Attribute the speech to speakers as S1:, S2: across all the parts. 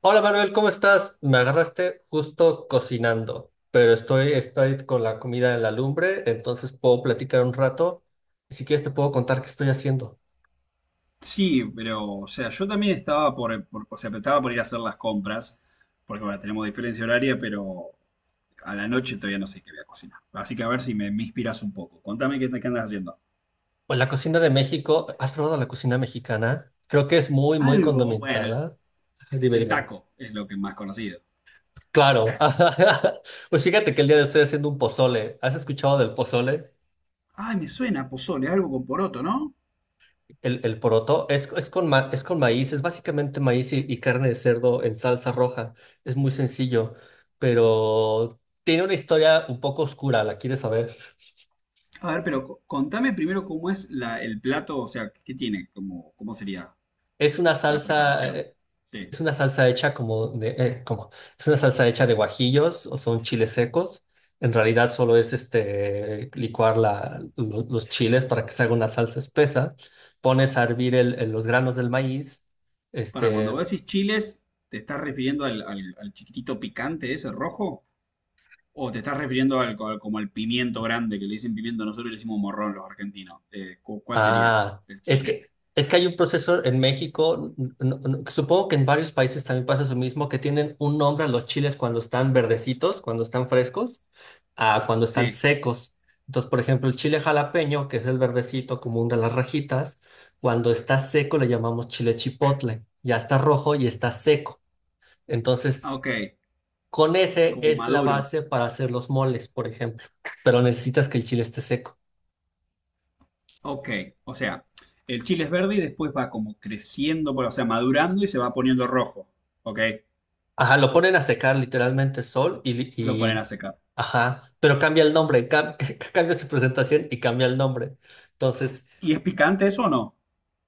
S1: Hola Manuel, ¿cómo estás? Me agarraste justo cocinando, pero estoy con la comida en la lumbre, entonces puedo platicar un rato. Y si quieres te puedo contar qué estoy haciendo.
S2: Sí, pero, o sea, yo también estaba por, estaba por ir a hacer las compras, porque bueno, tenemos diferencia horaria, pero a la noche todavía no sé qué voy a cocinar. Así que a ver si me inspiras un poco. Contame qué andas haciendo.
S1: Pues la cocina de México, ¿has probado la cocina mexicana? Creo que es muy
S2: Algo, bueno, el,
S1: condimentada. Dime,
S2: el
S1: dime.
S2: taco es lo que más conocido.
S1: Claro. Pues fíjate que el día de hoy estoy haciendo un pozole. ¿Has escuchado del pozole?
S2: Ay, me suena pozole, algo con poroto, ¿no?
S1: El poroto es es con maíz, es básicamente maíz y carne de cerdo en salsa roja. Es muy sencillo, pero tiene una historia un poco oscura, la quieres saber.
S2: A ver, pero contame primero cómo es el plato, o sea, qué tiene, cómo sería
S1: Es una
S2: la
S1: salsa,
S2: preparación.
S1: eh,
S2: Sí.
S1: es una salsa hecha es una salsa hecha de guajillos o son chiles secos. En realidad solo es licuar los chiles para que se haga una salsa espesa. Pones a hervir los granos del maíz.
S2: Para cuando
S1: Este,
S2: vos decís chiles, ¿te estás refiriendo al chiquitito picante ese rojo? O te estás refiriendo al, como al pimiento grande, que le dicen pimiento, nosotros le decimos morrón los argentinos. ¿Cuál sería?
S1: Ah,
S2: El
S1: es
S2: chile.
S1: que, es que hay un proceso en México, supongo que en varios países también pasa lo mismo, que tienen un nombre a los chiles cuando están verdecitos, cuando están frescos, a cuando están
S2: Sí.
S1: secos. Entonces, por ejemplo, el chile jalapeño, que es el verdecito común de las rajitas, cuando está seco le llamamos chile chipotle. Ya está rojo y está seco.
S2: Ah,
S1: Entonces,
S2: ok,
S1: con ese
S2: como
S1: es la
S2: maduro.
S1: base para hacer los moles, por ejemplo. Pero necesitas que el chile esté seco.
S2: Ok, o sea, el chile es verde y después va como creciendo, o sea, madurando y se va poniendo rojo. Ok,
S1: Ajá, lo ponen a secar literalmente sol y, li-
S2: lo ponen a
S1: y
S2: secar.
S1: ajá, pero cambia el nombre, cambia su presentación y cambia el nombre. Entonces,
S2: ¿Y es picante eso o no?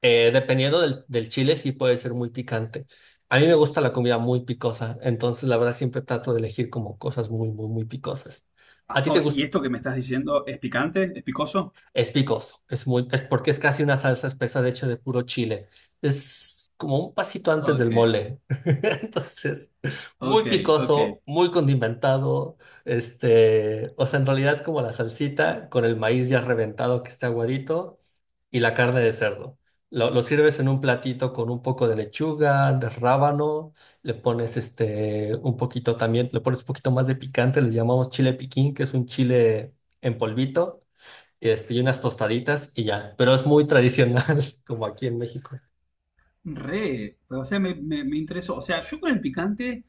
S1: dependiendo del chile, sí puede ser muy picante. A mí me gusta la comida muy picosa, entonces la verdad siempre trato de elegir como cosas muy picosas. ¿A
S2: Ah,
S1: ti te
S2: oh, ¿y
S1: gusta?
S2: esto que me estás diciendo es picante? ¿Es picoso?
S1: Es picoso, es porque es casi una salsa espesa de hecho de puro chile. Es como un pasito antes del
S2: Ok,
S1: mole. Entonces, muy
S2: ok, ok.
S1: picoso, muy condimentado. O sea, en realidad es como la salsita con el maíz ya reventado que está aguadito y la carne de cerdo. Lo sirves en un platito con un poco de lechuga, de rábano, le pones un poquito también, le pones un poquito más de picante, le llamamos chile piquín, que es un chile en polvito y unas tostaditas y ya. Pero es muy tradicional, como aquí en México.
S2: Re, o sea, me interesó. O sea, yo con el picante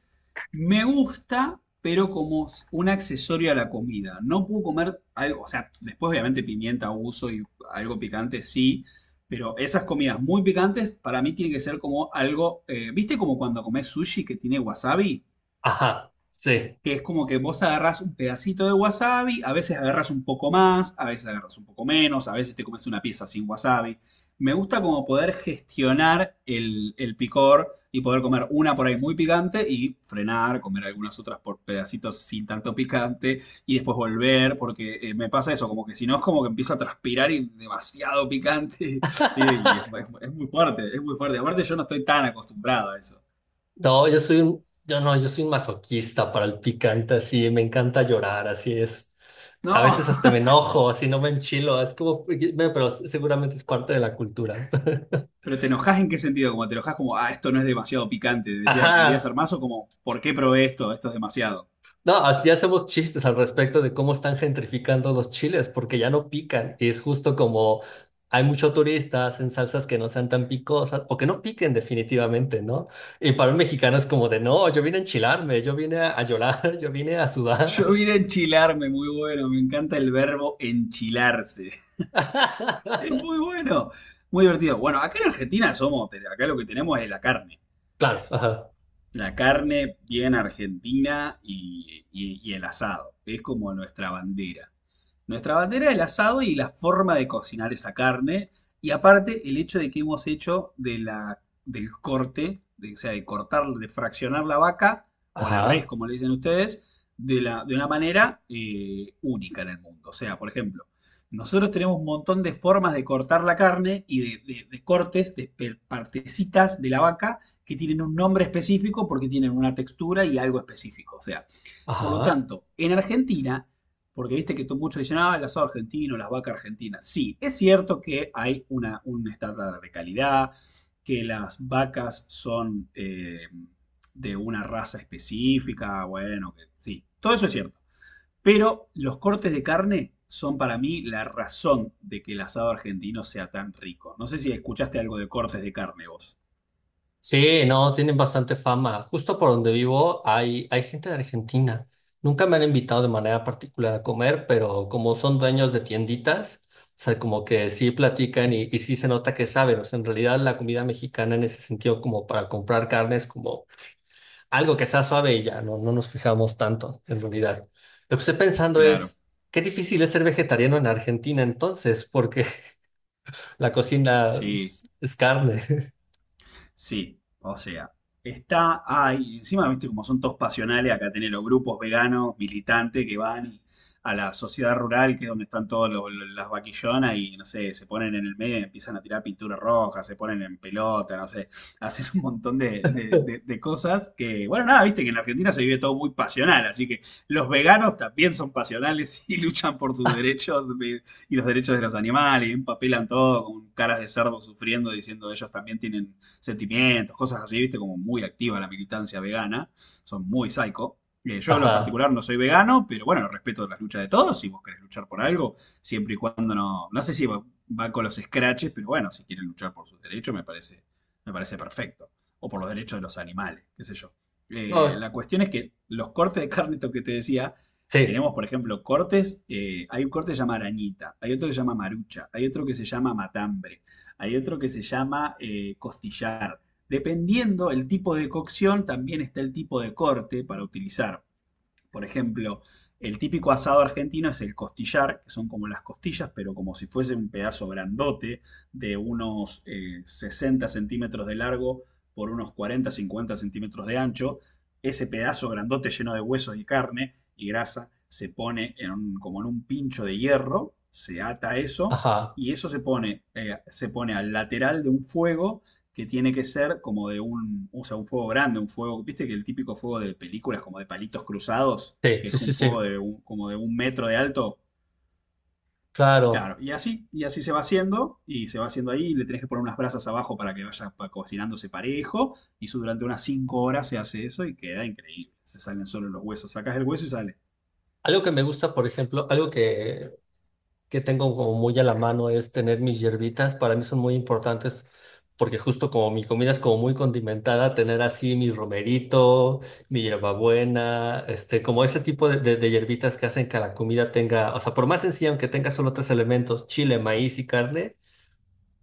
S2: me gusta, pero como un accesorio a la comida. No puedo comer algo, o sea, después obviamente pimienta uso y algo picante sí, pero esas comidas muy picantes para mí tienen que ser como algo, ¿viste como cuando comes sushi que tiene wasabi?
S1: Ajá, sí.
S2: Que es como que vos agarrás un pedacito de wasabi, a veces agarras un poco más, a veces agarras un poco menos, a veces te comes una pieza sin wasabi. Me gusta como poder gestionar el picor y poder comer una por ahí muy picante y frenar, comer algunas otras por pedacitos sin tanto picante y después volver, porque me pasa eso, como que si no es como que empiezo a transpirar y demasiado picante y es muy fuerte, es muy fuerte. Aparte yo no estoy tan acostumbrado a eso.
S1: No, yo soy un, yo no, yo soy un masoquista para el picante, así, me encanta llorar, así es. A
S2: No.
S1: veces hasta me enojo, así no me enchilo, es como, pero seguramente es parte de la cultura.
S2: Pero te enojas en qué sentido, como te enojas como, ah, esto no es demasiado picante, decía, debería ser
S1: Ajá.
S2: más, o como, ¿por qué probé esto? Esto es demasiado.
S1: No, ya hacemos chistes al respecto de cómo están gentrificando los chiles, porque ya no pican. Y es justo como hay muchos turistas en salsas que no sean tan picosas o que no piquen definitivamente, ¿no? Y para un mexicano es como de, no, yo vine a enchilarme, yo vine a llorar, yo vine a
S2: Yo
S1: sudar.
S2: vine a enchilarme, muy bueno, me encanta el verbo enchilarse. Es muy bueno, muy divertido. Bueno, acá en Argentina somos, acá lo que tenemos es la carne.
S1: Claro, ajá,
S2: La carne bien argentina y, y el asado. Es como nuestra bandera. Nuestra bandera el asado y la forma de cocinar esa carne. Y aparte, el hecho de que hemos hecho de del corte, de, o sea, de cortar, de fraccionar la vaca o la res,
S1: ajá,
S2: como le dicen ustedes, de una manera única en el mundo. O sea, por ejemplo, nosotros tenemos un montón de formas de cortar la carne y de cortes, de partecitas de la vaca que tienen un nombre específico porque tienen una textura y algo específico. O sea, por lo
S1: ajá.
S2: tanto, en Argentina, porque viste que muchos dicen, ah, el asado argentino, las vacas argentinas. Sí, es cierto que hay un estándar de calidad, que las vacas son de una raza específica, bueno, que, sí, todo eso es cierto. Pero los cortes de carne son para mí la razón de que el asado argentino sea tan rico. No sé si escuchaste algo de cortes de carne vos.
S1: Sí, no, tienen bastante fama. Justo por donde vivo hay gente de Argentina. Nunca me han invitado de manera particular a comer, pero como son dueños de tienditas, o sea, como que sí platican y sí se nota que saben. O sea, en realidad la comida mexicana en ese sentido, como para comprar carne, es como algo que sea suave y ya, no nos fijamos tanto, en realidad. Lo que estoy pensando
S2: Claro,
S1: es, qué difícil es ser vegetariano en Argentina entonces, porque la cocina
S2: sí.
S1: es carne.
S2: Sí, o sea, está ahí. Encima, viste, como son todos pasionales, acá tenés los grupos veganos, militantes que van a la sociedad rural, que es donde están todas las vaquillonas, y no sé, se ponen en el medio y empiezan a tirar pintura roja, se ponen en pelota, no sé, hacen un montón de cosas que, bueno, nada, viste que en la Argentina se vive todo muy pasional, así que los veganos también son pasionales y luchan por sus derechos y los derechos de los animales, y empapelan todo con caras de cerdo sufriendo, diciendo ellos también tienen sentimientos, cosas así, viste, como muy activa la militancia vegana, son muy psycho. Yo en lo
S1: Ajá.
S2: particular no soy vegano, pero bueno, respeto las luchas de todos, si vos querés luchar por algo, siempre y cuando no, no sé si va, con los scratches, pero bueno, si quieren luchar por sus derechos me parece perfecto, o por los derechos de los animales, qué sé yo.
S1: No,
S2: La cuestión es que los cortes de carne, esto que te decía,
S1: sí.
S2: tenemos, por ejemplo, cortes. Hay un corte que se llama arañita, hay otro que se llama marucha, hay otro que se llama matambre. Hay otro que se llama costillar. Dependiendo el tipo de cocción, también está el tipo de corte para utilizar. Por ejemplo, el típico asado argentino es el costillar, que son como las costillas, pero como si fuese un pedazo grandote de unos 60 centímetros de largo por unos 40, 50 centímetros de ancho. Ese pedazo grandote lleno de huesos y carne y grasa se pone en como en un pincho de hierro, se ata eso
S1: Ajá,
S2: y eso se pone al lateral de un fuego que tiene que ser como de o sea, un fuego grande, un fuego, viste que el típico fuego de películas, como de palitos cruzados,
S1: sí,
S2: que es
S1: sí, sí,
S2: un
S1: sí,
S2: fuego de como de un metro de alto.
S1: claro.
S2: Claro, y así se va haciendo, y se va haciendo ahí, y le tenés que poner unas brasas abajo para que vaya cocinándose parejo, y eso durante unas 5 horas se hace eso y queda increíble. Se salen solo los huesos, sacás el hueso y sale.
S1: Algo que me gusta, por ejemplo, que tengo como muy a la mano es tener mis hierbitas. Para mí son muy importantes porque justo como mi comida es como muy condimentada, tener así mi romerito, mi hierbabuena, como ese tipo de hierbitas que hacen que la comida tenga, o sea, por más sencilla, aunque tenga solo tres elementos, chile, maíz y carne,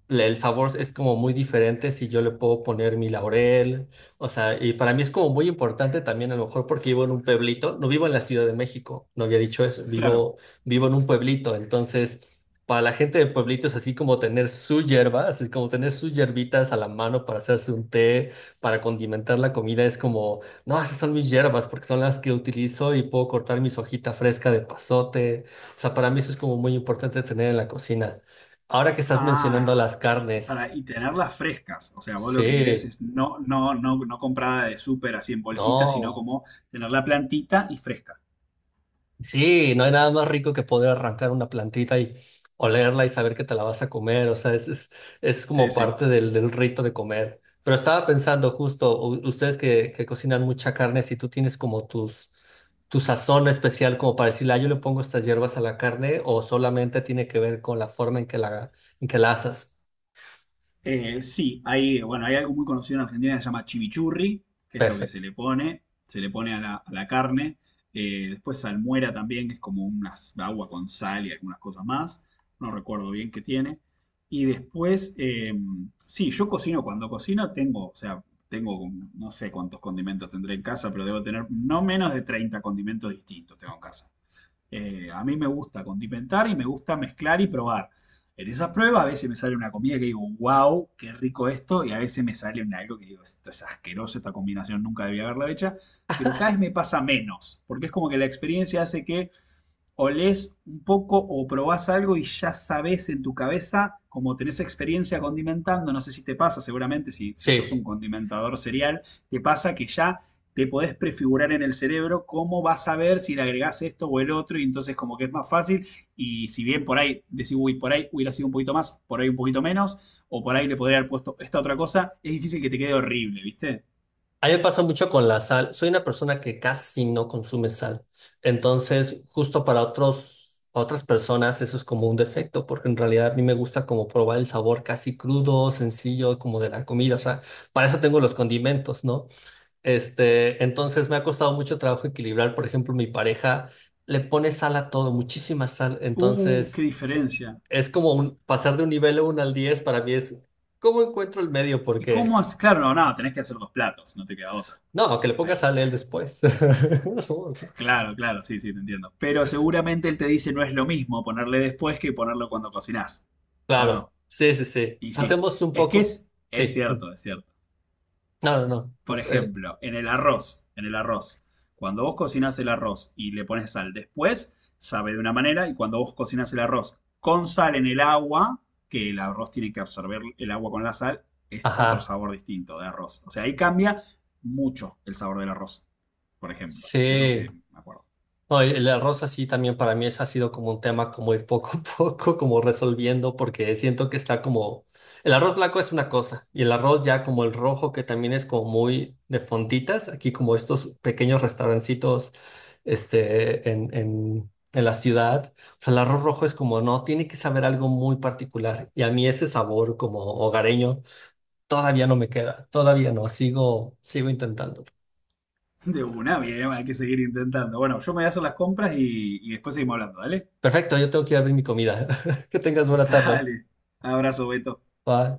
S1: el sabor es como muy diferente si yo le puedo poner mi laurel, o sea, y para mí es como muy importante también a lo mejor porque vivo en un pueblito, no vivo en la Ciudad de México, no había dicho eso,
S2: Claro.
S1: vivo en un pueblito, entonces para la gente de pueblitos es así como tener su hierba, así es como tener sus hierbitas a la mano para hacerse un té, para condimentar la comida, es como, no, esas son mis hierbas porque son las que utilizo y puedo cortar mis hojitas fresca de pasote, o sea, para mí eso es como muy importante tener en la cocina. Ahora que estás mencionando
S2: Ah,
S1: las
S2: y, t- para,
S1: carnes,
S2: y tenerlas frescas. O sea, vos lo que querés
S1: sí,
S2: es no comprada de súper así en bolsitas, sino
S1: no,
S2: como tener la plantita y fresca.
S1: sí, no hay nada más rico que poder arrancar una plantita y olerla y saber que te la vas a comer, o sea, es
S2: Sí,
S1: como
S2: sí.
S1: parte del rito de comer. Pero estaba pensando justo, ustedes que cocinan mucha carne, si tú tienes como tu sazón especial como para decirle, ah, yo le pongo estas hierbas a la carne o solamente tiene que ver con la forma en que en que la asas.
S2: Sí, bueno, hay algo muy conocido en Argentina que se llama chimichurri, que es lo que
S1: Perfecto.
S2: se le pone a la carne. Después salmuera también, que es como una agua con sal y algunas cosas más. No recuerdo bien qué tiene. Y después, sí, yo cocino. Cuando cocino tengo, o sea, tengo, no sé cuántos condimentos tendré en casa, pero debo tener no menos de 30 condimentos distintos tengo en casa. A mí me gusta condimentar y me gusta mezclar y probar. En esas pruebas a veces me sale una comida que digo, wow, qué rico esto, y a veces me sale un algo que digo, esto es asqueroso, esta combinación nunca debía haberla hecha, pero cada vez me pasa menos, porque es como que la experiencia hace que olés un poco o probás algo y ya sabés en tu cabeza, como tenés experiencia condimentando, no sé si te pasa, seguramente si sos un
S1: Sí.
S2: condimentador serial, te pasa que ya te podés prefigurar en el cerebro cómo vas a ver si le agregás esto o el otro, y entonces como que es más fácil, y si bien por ahí decís, uy, por ahí hubiera sido un poquito más, por ahí un poquito menos, o por ahí le podría haber puesto esta otra cosa, es difícil que te quede horrible, ¿viste?
S1: A mí me pasa mucho con la sal. Soy una persona que casi no consume sal. Entonces, justo para otras personas eso es como un defecto, porque en realidad a mí me gusta como probar el sabor casi crudo, sencillo, como de la comida. O sea, para eso tengo los condimentos, ¿no? Entonces me ha costado mucho trabajo equilibrar. Por ejemplo, mi pareja le pone sal a todo, muchísima sal.
S2: Qué
S1: Entonces,
S2: diferencia.
S1: es como un, pasar de un nivel uno al 10 para mí es, ¿cómo encuentro el medio?
S2: ¿Y cómo
S1: Porque
S2: haces? Claro, no, nada, no, tenés que hacer dos platos, no te queda otra.
S1: no, que le pongas
S2: Ahí.
S1: a él después.
S2: Claro, claro, sí, sí, te entiendo. Pero seguramente él te dice no es lo mismo ponerle después que ponerlo cuando cocinás. ¿O no?
S1: Claro, sí, sí, sí.
S2: Y sí.
S1: Hacemos un
S2: Es que
S1: poco,
S2: es
S1: sí.
S2: cierto, es cierto.
S1: No, no,
S2: Por
S1: no.
S2: ejemplo, en el arroz. Cuando vos cocinás el arroz y le pones sal después, sabe de una manera. Y cuando vos cocinás el arroz con sal en el agua, que el arroz tiene que absorber el agua con la sal, es otro
S1: Ajá,
S2: sabor distinto de arroz. O sea, ahí cambia mucho el sabor del arroz, por ejemplo. Eso sí,
S1: sí.
S2: me acuerdo.
S1: No, el arroz así también para mí es, ha sido como un tema como ir poco a poco como resolviendo porque siento que está como el arroz blanco es una cosa y el arroz ya como el rojo que también es como muy de fonditas aquí como estos pequeños restaurancitos en la ciudad, o sea el arroz rojo es como no tiene que saber algo muy particular y a mí ese sabor como hogareño todavía no me queda, todavía no, sigo sigo intentando.
S2: De una, bien, hay que seguir intentando. Bueno, yo me voy a hacer las compras y después seguimos hablando, ¿dale?
S1: Perfecto, yo tengo que ir a abrir mi comida. Que tengas buena tarde.
S2: Dale. Abrazo, Beto.
S1: Bye.